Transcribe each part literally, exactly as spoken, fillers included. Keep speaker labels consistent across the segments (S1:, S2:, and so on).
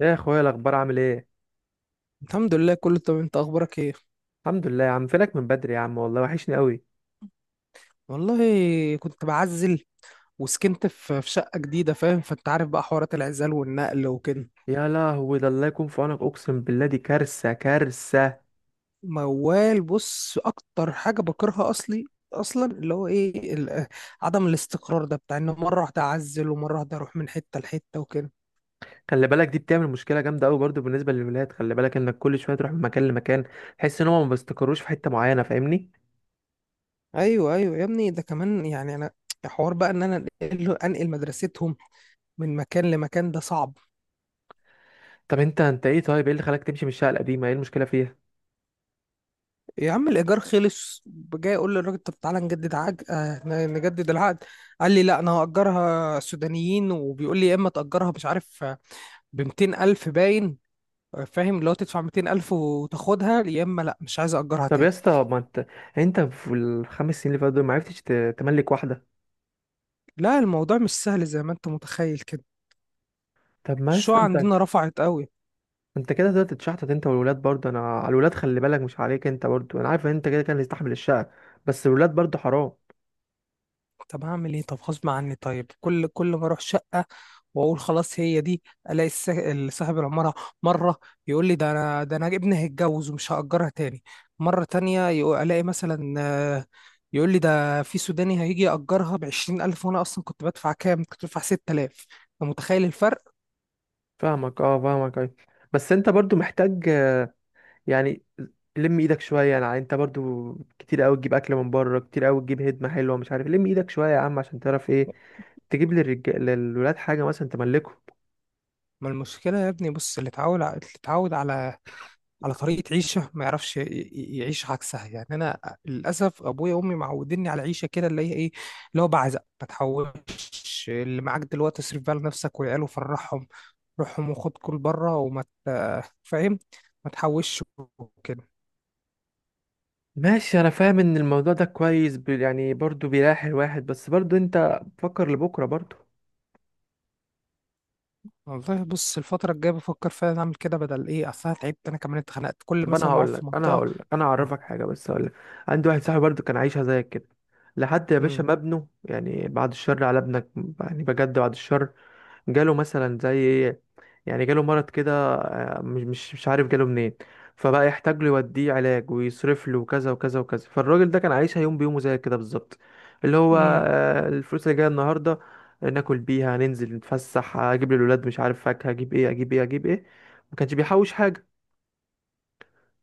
S1: يا اخويا الاخبار عامل ايه؟
S2: الحمد لله كله تمام. انت اخبارك ايه؟
S1: الحمد لله يا عم. فينك من بدري يا عم؟ والله وحشني قوي.
S2: والله كنت بعزل، وسكنت في في شقة جديدة، فاهم؟ فانت عارف بقى حوارات العزال والنقل وكده.
S1: يا لهوي، ده الله يكون في عونك، اقسم بالله دي كارثه كارثه.
S2: موال، بص اكتر حاجة بكرهها اصلي اصلا اللي هو ايه ال- عدم الاستقرار ده، بتاع ان مرة واحدة اعزل ومرة واحدة اروح من حتة لحتة وكده.
S1: خلي بالك دي بتعمل مشكله جامده قوي برضو بالنسبه للولاد، خلي بالك انك كل شويه تروح من مكان لمكان، تحس ان هم ما بيستقروش في حته معينه، فاهمني؟
S2: ايوه ايوه يا ابني، ده كمان يعني انا، حوار بقى ان انا انقل انقل مدرستهم من مكان لمكان، ده صعب.
S1: طب انت انت ايه؟ طيب ايه اللي خلاك تمشي من الشقه القديمه؟ ايه المشكله فيها؟
S2: يا عم الايجار خلص، جاي اقول للراجل طب تعالى نجدد عقد، آه ن- نجدد العقد. قال لي لا انا هاجرها سودانيين، وبيقول لي يا اما تاجرها مش عارف، ب ميتين ألف الف باين. آه، فاهم؟ لو تدفع ميتين ألف الف وتاخدها، يا اما لا مش عايز اجرها
S1: طب يا
S2: تاني.
S1: اسطى، ما انت، انت في الخمس سنين اللي فاتوا دول ما عرفتش ت- تملك واحده؟
S2: لا الموضوع مش سهل زي ما انت متخيل كده،
S1: طب ما يا
S2: الشقق
S1: اسطى انت
S2: عندنا رفعت قوي.
S1: انت كده تقدر تتشحتت انت والولاد برضه. انا على الولاد خلي بالك، مش عليك انت برضه. انا عارف ان انت كده كان يستحمل الشقه، بس الولاد برضه حرام.
S2: طب هعمل ايه؟ طب غصب عني. طيب كل كل ما اروح شقه واقول خلاص هي دي، الاقي الس- صاحب العماره مره يقول لي ده انا، ده انا ابني هيتجوز ومش هاجرها تاني. مره تانية يقو- الاقي مثلا، آه، يقول لي ده في سوداني هيجي ياجرها بعشرين ألف، وانا اصلا كنت بدفع كام؟ كنت بدفع ستة آلاف. انت متخيل الفرق؟
S1: فاهمك اه، فاهمك اي. بس انت برضه محتاج، آه، يعني لم ايدك شويه. يعني انت برضه كتير قوي تجيب اكل من بره، كتير قوي تجيب هدمه حلوه، مش عارف. لم ايدك شويه يا عم عشان تعرف ايه تجيب للرجال للولاد حاجه مثلا تملكهم.
S2: ما المشكله يا ابني بص، اللي اتعود ع- اللي اتعود على على طريقة عيشة ما يعرفش ي- ي- يعيش عكسها. يعني أنا للأسف أبويا وأمي معوديني على عيشة كده اللي هي إيه، اللي هو بعزق ما تحوش. اللي معاك دلوقتي اصرف بقى لنفسك والعيال وفرحهم روحهم، وخد كل بره وما ت- فاهم؟ ما تحوش وكده.
S1: ماشي انا فاهم ان الموضوع ده كويس، ب- يعني برضه بيريح الواحد، بس برضه انت فكر لبكره برضه.
S2: والله بص الفترة الجاية بفكر فعلا أعمل كده، بدل إيه؟ أصل أنا تعبت، أنا كمان اتخنقت كل
S1: طب انا
S2: مثلا ما أقعد
S1: هقول
S2: في
S1: لك انا
S2: منطقة.
S1: هقول لك، انا هعرفك حاجه، بس هقول لك، عندي واحد صاحبي برضو كان عايشها زيك كده لحد يا باشا
S2: امم
S1: ما ابنه، يعني بعد الشر على ابنك، يعني بجد بعد الشر، جاله مثلا زي ايه، يعني جاله مرض كده، آه، مش مش مش عارف جاله منين. فبقى يحتاج له يوديه علاج ويصرف له وكذا وكذا وكذا. فالراجل ده كان عايشها يوم بيومه زي كده بالظبط. اللي هو
S2: امم
S1: آه، الفلوس اللي جايه النهارده ناكل بيها، ننزل نتفسح، اجيب للولاد مش عارف فاكهه، اجيب ايه اجيب ايه اجيب ايه. ما كانش بيحوش حاجه.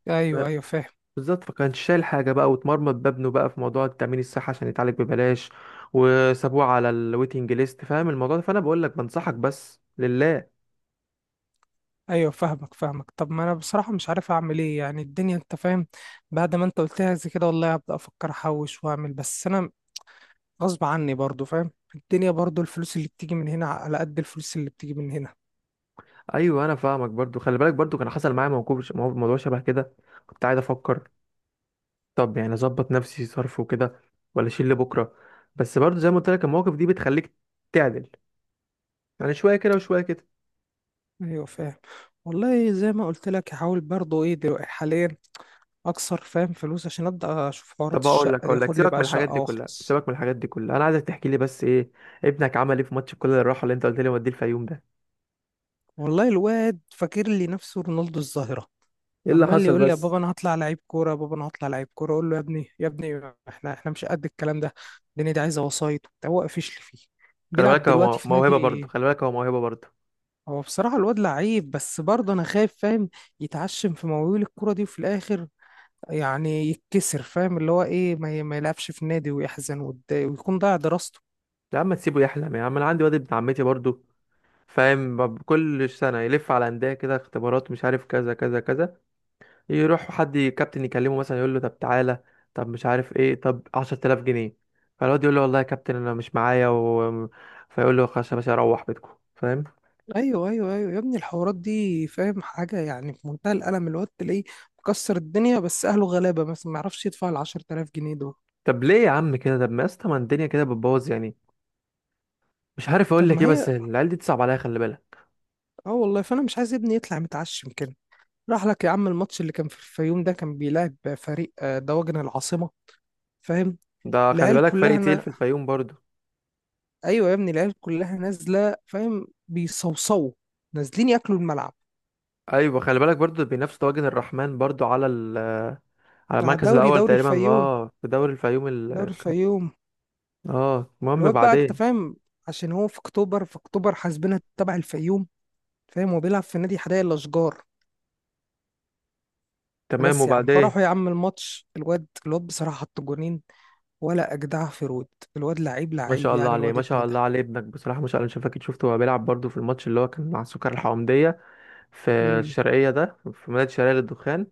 S2: أيوه أيوه فاهم.
S1: بالظبط، فكانش شايل حاجة بقى، واتمرمط بابنه بقى في موضوع التأمين الصحي عشان يتعالج ببلاش، وسابوه على الويتنج ليست، فاهم الموضوع ده؟ فأنا بقول لك بنصحك بس لله.
S2: ايوه فاهمك فاهمك. طب ما انا بصراحه مش عارف اعمل ايه يعني، الدنيا انت فاهم. بعد ما انت قلتها زي كده والله هبدا افكر احوش واعمل، بس انا غصب عني برضو فاهم؟ الدنيا برضو، الفلوس اللي بتيجي من هنا على قد الفلوس اللي بتيجي من هنا.
S1: أيوه أنا فاهمك برضو، خلي بالك برضو كان حصل معايا موقف، مو- موضوع شبه كده. كنت قاعد أفكر، طب يعني أظبط نفسي صرف وكده ولا أشيل لبكرة؟ بس برضو زي ما قلت لك، المواقف دي بتخليك تعدل، يعني شوية كده وشوية كده.
S2: ايوه فاهم، والله زي ما قلت لك هحاول برضو، ايه دلوقتي حاليا اكسر فاهم فلوس عشان ابدا اشوف حوارات
S1: طب هقول لك
S2: الشقه دي،
S1: هقول لك
S2: اخد لي
S1: سيبك من
S2: بقى
S1: الحاجات
S2: شقه
S1: دي كلها،
S2: واخلص.
S1: سيبك من الحاجات دي كلها، أنا عايزك تحكي لي بس إيه ابنك عمل إيه في ماتش كل الراحة اللي أنت قلت لي وديه الفيوم ده.
S2: والله الواد فاكر لي نفسه رونالدو الظاهره،
S1: ايه اللي
S2: عمال
S1: حصل
S2: يقول لي يا
S1: بس؟
S2: بابا انا هطلع لعيب كوره، يا بابا انا هطلع لعيب كوره. اقول له يا ابني يا ابني احنا احنا مش قد الكلام ده، الدنيا دي عايزه وسايط وبتاع. هو قفش لي فيه،
S1: خلي
S2: بيلعب
S1: بالك هو
S2: دلوقتي
S1: مو-
S2: في
S1: موهبه
S2: نادي.
S1: برضه، خلي بالك هو موهبه برضه.
S2: هو بصراحه الواد لعيب، بس برضه انا خايف فاهم، يتعشم في مواويل الكوره دي وفي الاخر يعني يتكسر. فاهم اللي هو ايه، ما, ي- ما يلعبش في نادي ويحزن ويتضايق ويكون ضايع دراسته.
S1: يا عم تسيبه يحلم يا عم، انا عندي واد ابن عمتي برضه، فاهم؟ ب- كل سنه يلف على انديه كده اختبارات، مش عارف كذا كذا كذا. يروح حد ي- كابتن يكلمه مثلا، يقول له طب تعالى، طب مش عارف ايه، طب عشرة آلاف جنيه. فالواد يقول له والله يا كابتن انا مش معايا و. فيقول له خلاص يا باشا، اروح بيتكم. فاهم؟
S2: ايوه ايوه ايوه يا ابني الحوارات دي، فاهم حاجه؟ يعني في منتهى الالم، الواد تلاقيه مكسر الدنيا بس اهله غلابه مثلا ما يعرفش يدفع ال عشرة آلاف جنيه دول.
S1: طب ليه يا عم كده؟ طب ما يا اسطى، ما الدنيا كده بتبوظ يعني. مش عارف اقول
S2: طب
S1: لك
S2: ما
S1: ايه، بس
S2: هي،
S1: العيال دي تصعب عليا، خلي بالك.
S2: اه والله فانا مش عايز ابني يطلع متعشم كده. راح لك يا عم الماتش اللي كان في الفيوم ده، كان بيلعب فريق آه، دواجن العاصمه، فاهم؟
S1: ده خلي
S2: العيال
S1: بالك
S2: كلها
S1: فريق تقيل
S2: انا،
S1: في الفيوم برضه.
S2: ايوه يا ابني العيال كلها نازله فاهم، بيصوصوا نازلين ياكلوا الملعب.
S1: ايوه خلي بالك برضو بينافس طواجن الرحمن برضو على، ال... على
S2: على
S1: المركز
S2: الدوري،
S1: الاول
S2: دوري
S1: تقريبا،
S2: الفيوم،
S1: اه في دوري الفيوم. ال...
S2: دوري الفيوم.
S1: اه المهم
S2: الواد بقى انت
S1: بعدين.
S2: فاهم، عشان هو في اكتوبر، في اكتوبر حاسبنا تبع الفيوم. فاهم؟ هو بيلعب في نادي حدائق الاشجار.
S1: تمام
S2: بس يا عم
S1: وبعدين.
S2: فرحوا يا عم الماتش، الواد الواد بصراحه حط جونين ولا اجدع في رود، الواد لعيب
S1: ما
S2: لعيب
S1: شاء الله
S2: يعني،
S1: عليه،
S2: الواد
S1: ما شاء
S2: ابن ده.
S1: الله عليه، ابنك بصراحه ما شاء الله، مش فاكر شفته هو بيلعب برضو في الماتش اللي هو كان مع السكر الحومديه في
S2: امم.
S1: الشرقيه، ده في مدينه الشرقيه للدخان.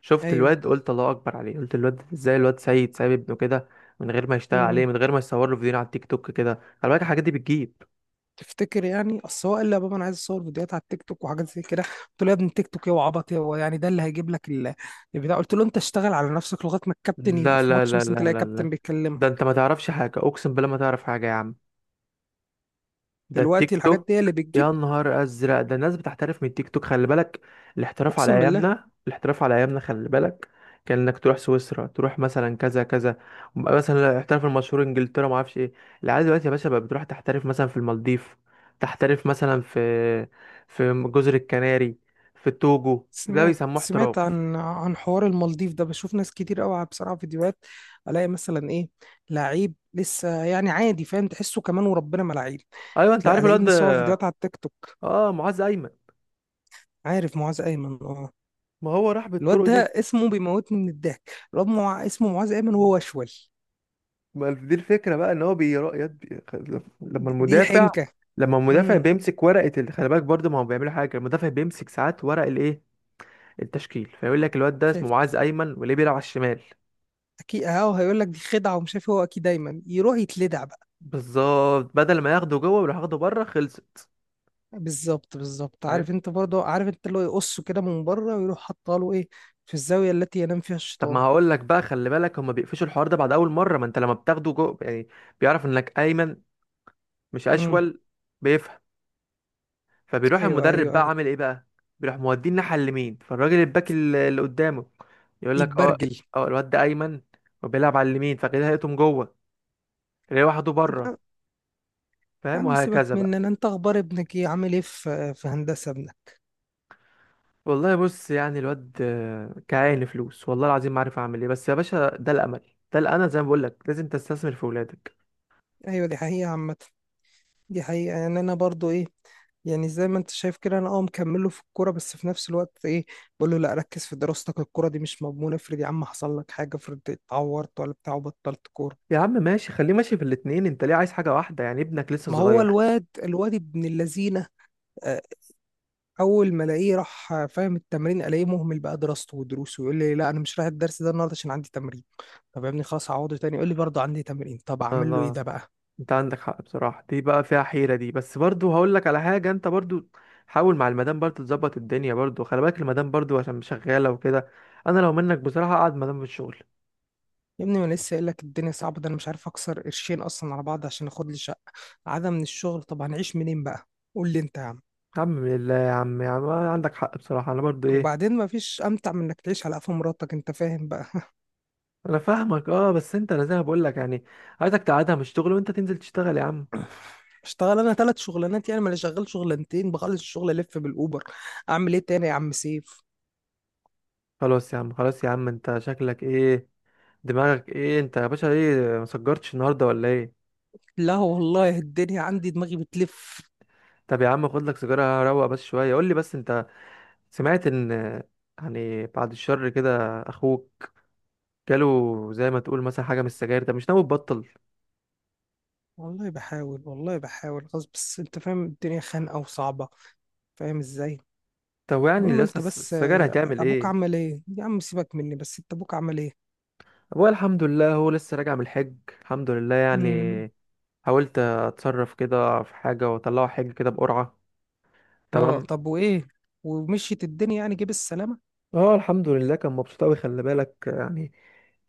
S1: شفت
S2: ايوه.
S1: الواد قلت الله اكبر عليه، قلت الواد ازاي، الواد سيد سايب ابنه كده، من غير ما يشتغل عليه،
S2: امم.
S1: من غير ما يصور له فيديو على التيك توك كده. خلي بالك الحاجات دي بتجيب.
S2: تفتكر يعني؟ اصل هو قال لي يا بابا انا عايز اصور فيديوهات على التيك توك وحاجات زي كده. قلت له يا ابني التيك توك ايه وعبط ايه؟ هو يعني ده اللي هيجيب لك ال- البتاع؟ قلت له انت اشتغل على نفسك لغايه ما الكابتن يبقى
S1: لا
S2: في
S1: لا
S2: ماتش
S1: لا
S2: مثلا
S1: لا
S2: تلاقي
S1: لا لا،
S2: كابتن
S1: ده
S2: بيتكلمك.
S1: انت ما تعرفش حاجه، اقسم بالله ما تعرف حاجه يا عم، ده التيك
S2: دلوقتي الحاجات
S1: توك.
S2: دي هي اللي بتجيب؟
S1: يا نهار ازرق، ده الناس بتحترف من التيك توك، خلي بالك. الاحتراف على
S2: اقسم بالله.
S1: ايامنا، الاحتراف على ايامنا، خلي بالك، كان انك تروح سويسرا، تروح مثلا كذا كذا، مثلا الاحتراف المشهور انجلترا، ما اعرفش ايه. العيال دلوقتي يا باشا بقى بتروح تحترف مثلا في المالديف، تحترف مثلا في في جزر الكناري، في التوجو، ده
S2: سمعت،
S1: بيسموه
S2: سمعت
S1: احتراف.
S2: عن عن حوار المالديف ده، بشوف ناس كتير قوي على- بصراحه فيديوهات، الاقي مثلا ايه، لعيب لسه يعني عادي فاهم، تحسه كمان وربنا ما لعيب.
S1: ايوه انت
S2: لا،
S1: عارف
S2: الاقيه
S1: الواد ده؟
S2: مصور فيديوهات على التيك توك.
S1: اه معاذ ايمن.
S2: عارف معاذ ايمن؟ اه.
S1: ما هو راح
S2: الواد
S1: بالطرق
S2: ده
S1: دي.
S2: اسمه بيموتني من الضحك، الواد مع... اسمه معاذ ايمن وهو اشول.
S1: ما دي الفكرة بقى، ان هو بيرا يد بي. لما
S2: دي, دي
S1: المدافع
S2: الحنكه.
S1: لما المدافع
S2: امم.
S1: بيمسك ورقة ال، خلي بالك برضه، ما هو بيعملوا حاجة، المدافع بيمسك ساعات ورق الايه، التشكيل، فيقول لك الواد ده
S2: شايف؟
S1: اسمه معاذ ايمن وليه بيلعب على الشمال.
S2: اكيد اهو هيقول لك دي خدعه ومش عارف إيه، هو اكيد دايما يروح يتلدع بقى.
S1: بالظبط، بدل ما ياخده جوه ويروح ياخده بره، خلصت.
S2: بالظبط بالظبط.
S1: فاهم؟
S2: عارف انت، برضه عارف انت، اللي هو يقصه كده من بره ويروح حاطه له ايه، في الزاويه التي ينام فيها
S1: طب ما
S2: الشيطان.
S1: هقول لك بقى، خلي بالك هما بيقفشوا الحوار ده بعد اول مرة، ما انت لما بتاخده جوه يعني، بيعرف انك ايمن، مش
S2: امم.
S1: اشول. فبيروح
S2: ايوه ايوه
S1: المدرب بقى
S2: ايوه.
S1: عامل ايه بقى؟ بيروح موديه الناحيه اليمين، فالراجل الباك ال- اللي قدامه يقول لك اه،
S2: يتبرجل.
S1: اه الواد ده ايمن وبيلعب على اليمين، فكده هيقطم جوه، تلاقيه واحده
S2: طب
S1: بره.
S2: يا يا
S1: فاهم؟
S2: عم سيبك
S1: وهكذا بقى.
S2: مننا، انت اخبار ابنك ايه، عامل ايه في في هندسه ابنك؟
S1: والله بص، يعني الواد آه، كعين فلوس، والله العظيم ما عارف اعمل ايه، بس يا باشا ده الامل، ده الامل، زي ما بقول لك لازم تستثمر في ولادك.
S2: ايوه دي حقيقه عامه، دي حقيقة. يعني أنا برضو إيه، يعني زي ما أنت شايف كده أنا أه مكمله في الكورة، بس في نفس الوقت إيه، بقول له لا ركز في دراستك، الكورة دي مش مضمونة. افرض يا عم حصل لك حاجة، افرض اتعورت ولا بتاع وبطلت كورة.
S1: يا عم ماشي، خليه ماشي في الاتنين، انت ليه عايز حاجه واحده يعني؟ ابنك لسه
S2: ما هو
S1: صغير.
S2: الواد، الواد ابن اللذينة، آه، أول ما ألاقيه راح آه، فاهم التمرين، ألاقيه مهمل بقى دراسته ودروسه. يقول لي لا أنا مش رايح الدرس ده النهاردة عشان عندي تمرين. طب يا ابني خلاص هعوضه تاني، يقول لي برضه عندي تمرين. طب أعمل له إيه
S1: الله.
S2: ده بقى؟
S1: انت عندك حق بصراحة، دي بقى فيها حيرة دي، بس برضو هقول لك على حاجة، انت برضو حاول مع المدام برضو تظبط الدنيا، برضو خلي بالك المدام برضو عشان شغالة وكده. انا لو منك بصراحة اقعد مدام في الشغل.
S2: يا ابني ما أنا لسه قايل لك الدنيا صعبه، ده انا مش عارف اكسر قرشين اصلا على بعض عشان اخد لي شقه. عدم من الشغل، طب هنعيش منين بقى؟ قول لي انت يا عم.
S1: يا عم بالله يا عم، يا عم عندك حق بصراحة، انا برضو ايه،
S2: وبعدين ما فيش امتع من انك تعيش على قفا مراتك، انت فاهم بقى؟
S1: انا فاهمك اه. بس انت، انا زي ما بقول لك يعني عايزك تقعدها من الشغل وانت تنزل تشتغل يا عم.
S2: اشتغل انا ثلاث شغلانات يعني؟ ما انا شغال شغلانتين، بخلص الشغل الف بالاوبر، اعمل ايه تاني يا عم سيف؟
S1: خلاص يا عم، خلاص يا عم، انت شكلك ايه؟ دماغك ايه انت يا باشا؟ ايه مسجرتش النهارده ولا ايه؟
S2: لا والله الدنيا عندي دماغي بتلف.
S1: طب يا عم خد لك سيجارة، روق بس شوية، قول لي بس انت سمعت ان، يعني بعد الشر كده، اخوك جاله زي ما تقول مثلا حاجه من السجاير، ده مش ناوي تبطل؟
S2: والله بحاول والله بحاول خلاص، بس انت فاهم الدنيا خانقه وصعبه، فاهم ازاي؟
S1: طب يعني
S2: المهم
S1: لسه
S2: انت
S1: الس-
S2: بس،
S1: السجاير
S2: آه،
S1: هتعمل
S2: ابوك
S1: ايه؟
S2: عمل ايه؟ يا عم سيبك مني، بس انت ابوك عمل ايه؟
S1: ابويا الحمد لله هو لسه راجع من الحج، الحمد لله يعني،
S2: مم.
S1: حاولت اتصرف كده في حاجه واطلعه حج كده بقرعه،
S2: اه
S1: تمام.
S2: طب وايه؟ ومشيت الدنيا يعني؟ جيب السلامة.
S1: اه الحمد لله كان مبسوط قوي، خلي بالك يعني،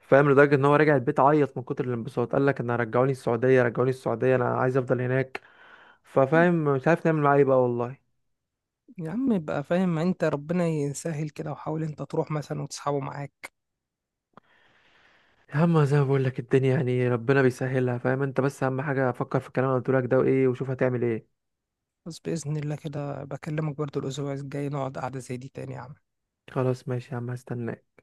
S1: فاهم لدرجه ان هو راجع البيت عيط من كتر الانبساط، قال لك انا رجعوني السعوديه، رجعوني السعوديه، انا عايز افضل هناك. ففاهم مش عارف نعمل معاه ايه بقى والله.
S2: يا عم يبقى فاهم انت، ربنا يسهل كده وحاول انت تروح مثلا وتسحبه معاك.
S1: اما زي ما بقول لك الدنيا يعني ربنا بيسهلها، فاهم انت، بس اهم حاجه فكر في الكلام اللي قلت لك ده وايه، وشوف هتعمل ايه.
S2: بس بإذن الله كده بكلمك برضو الأسبوع الجاي، نقعد قعدة زي دي تاني يا عم.
S1: خلاص ماشي يا عم، هستناك.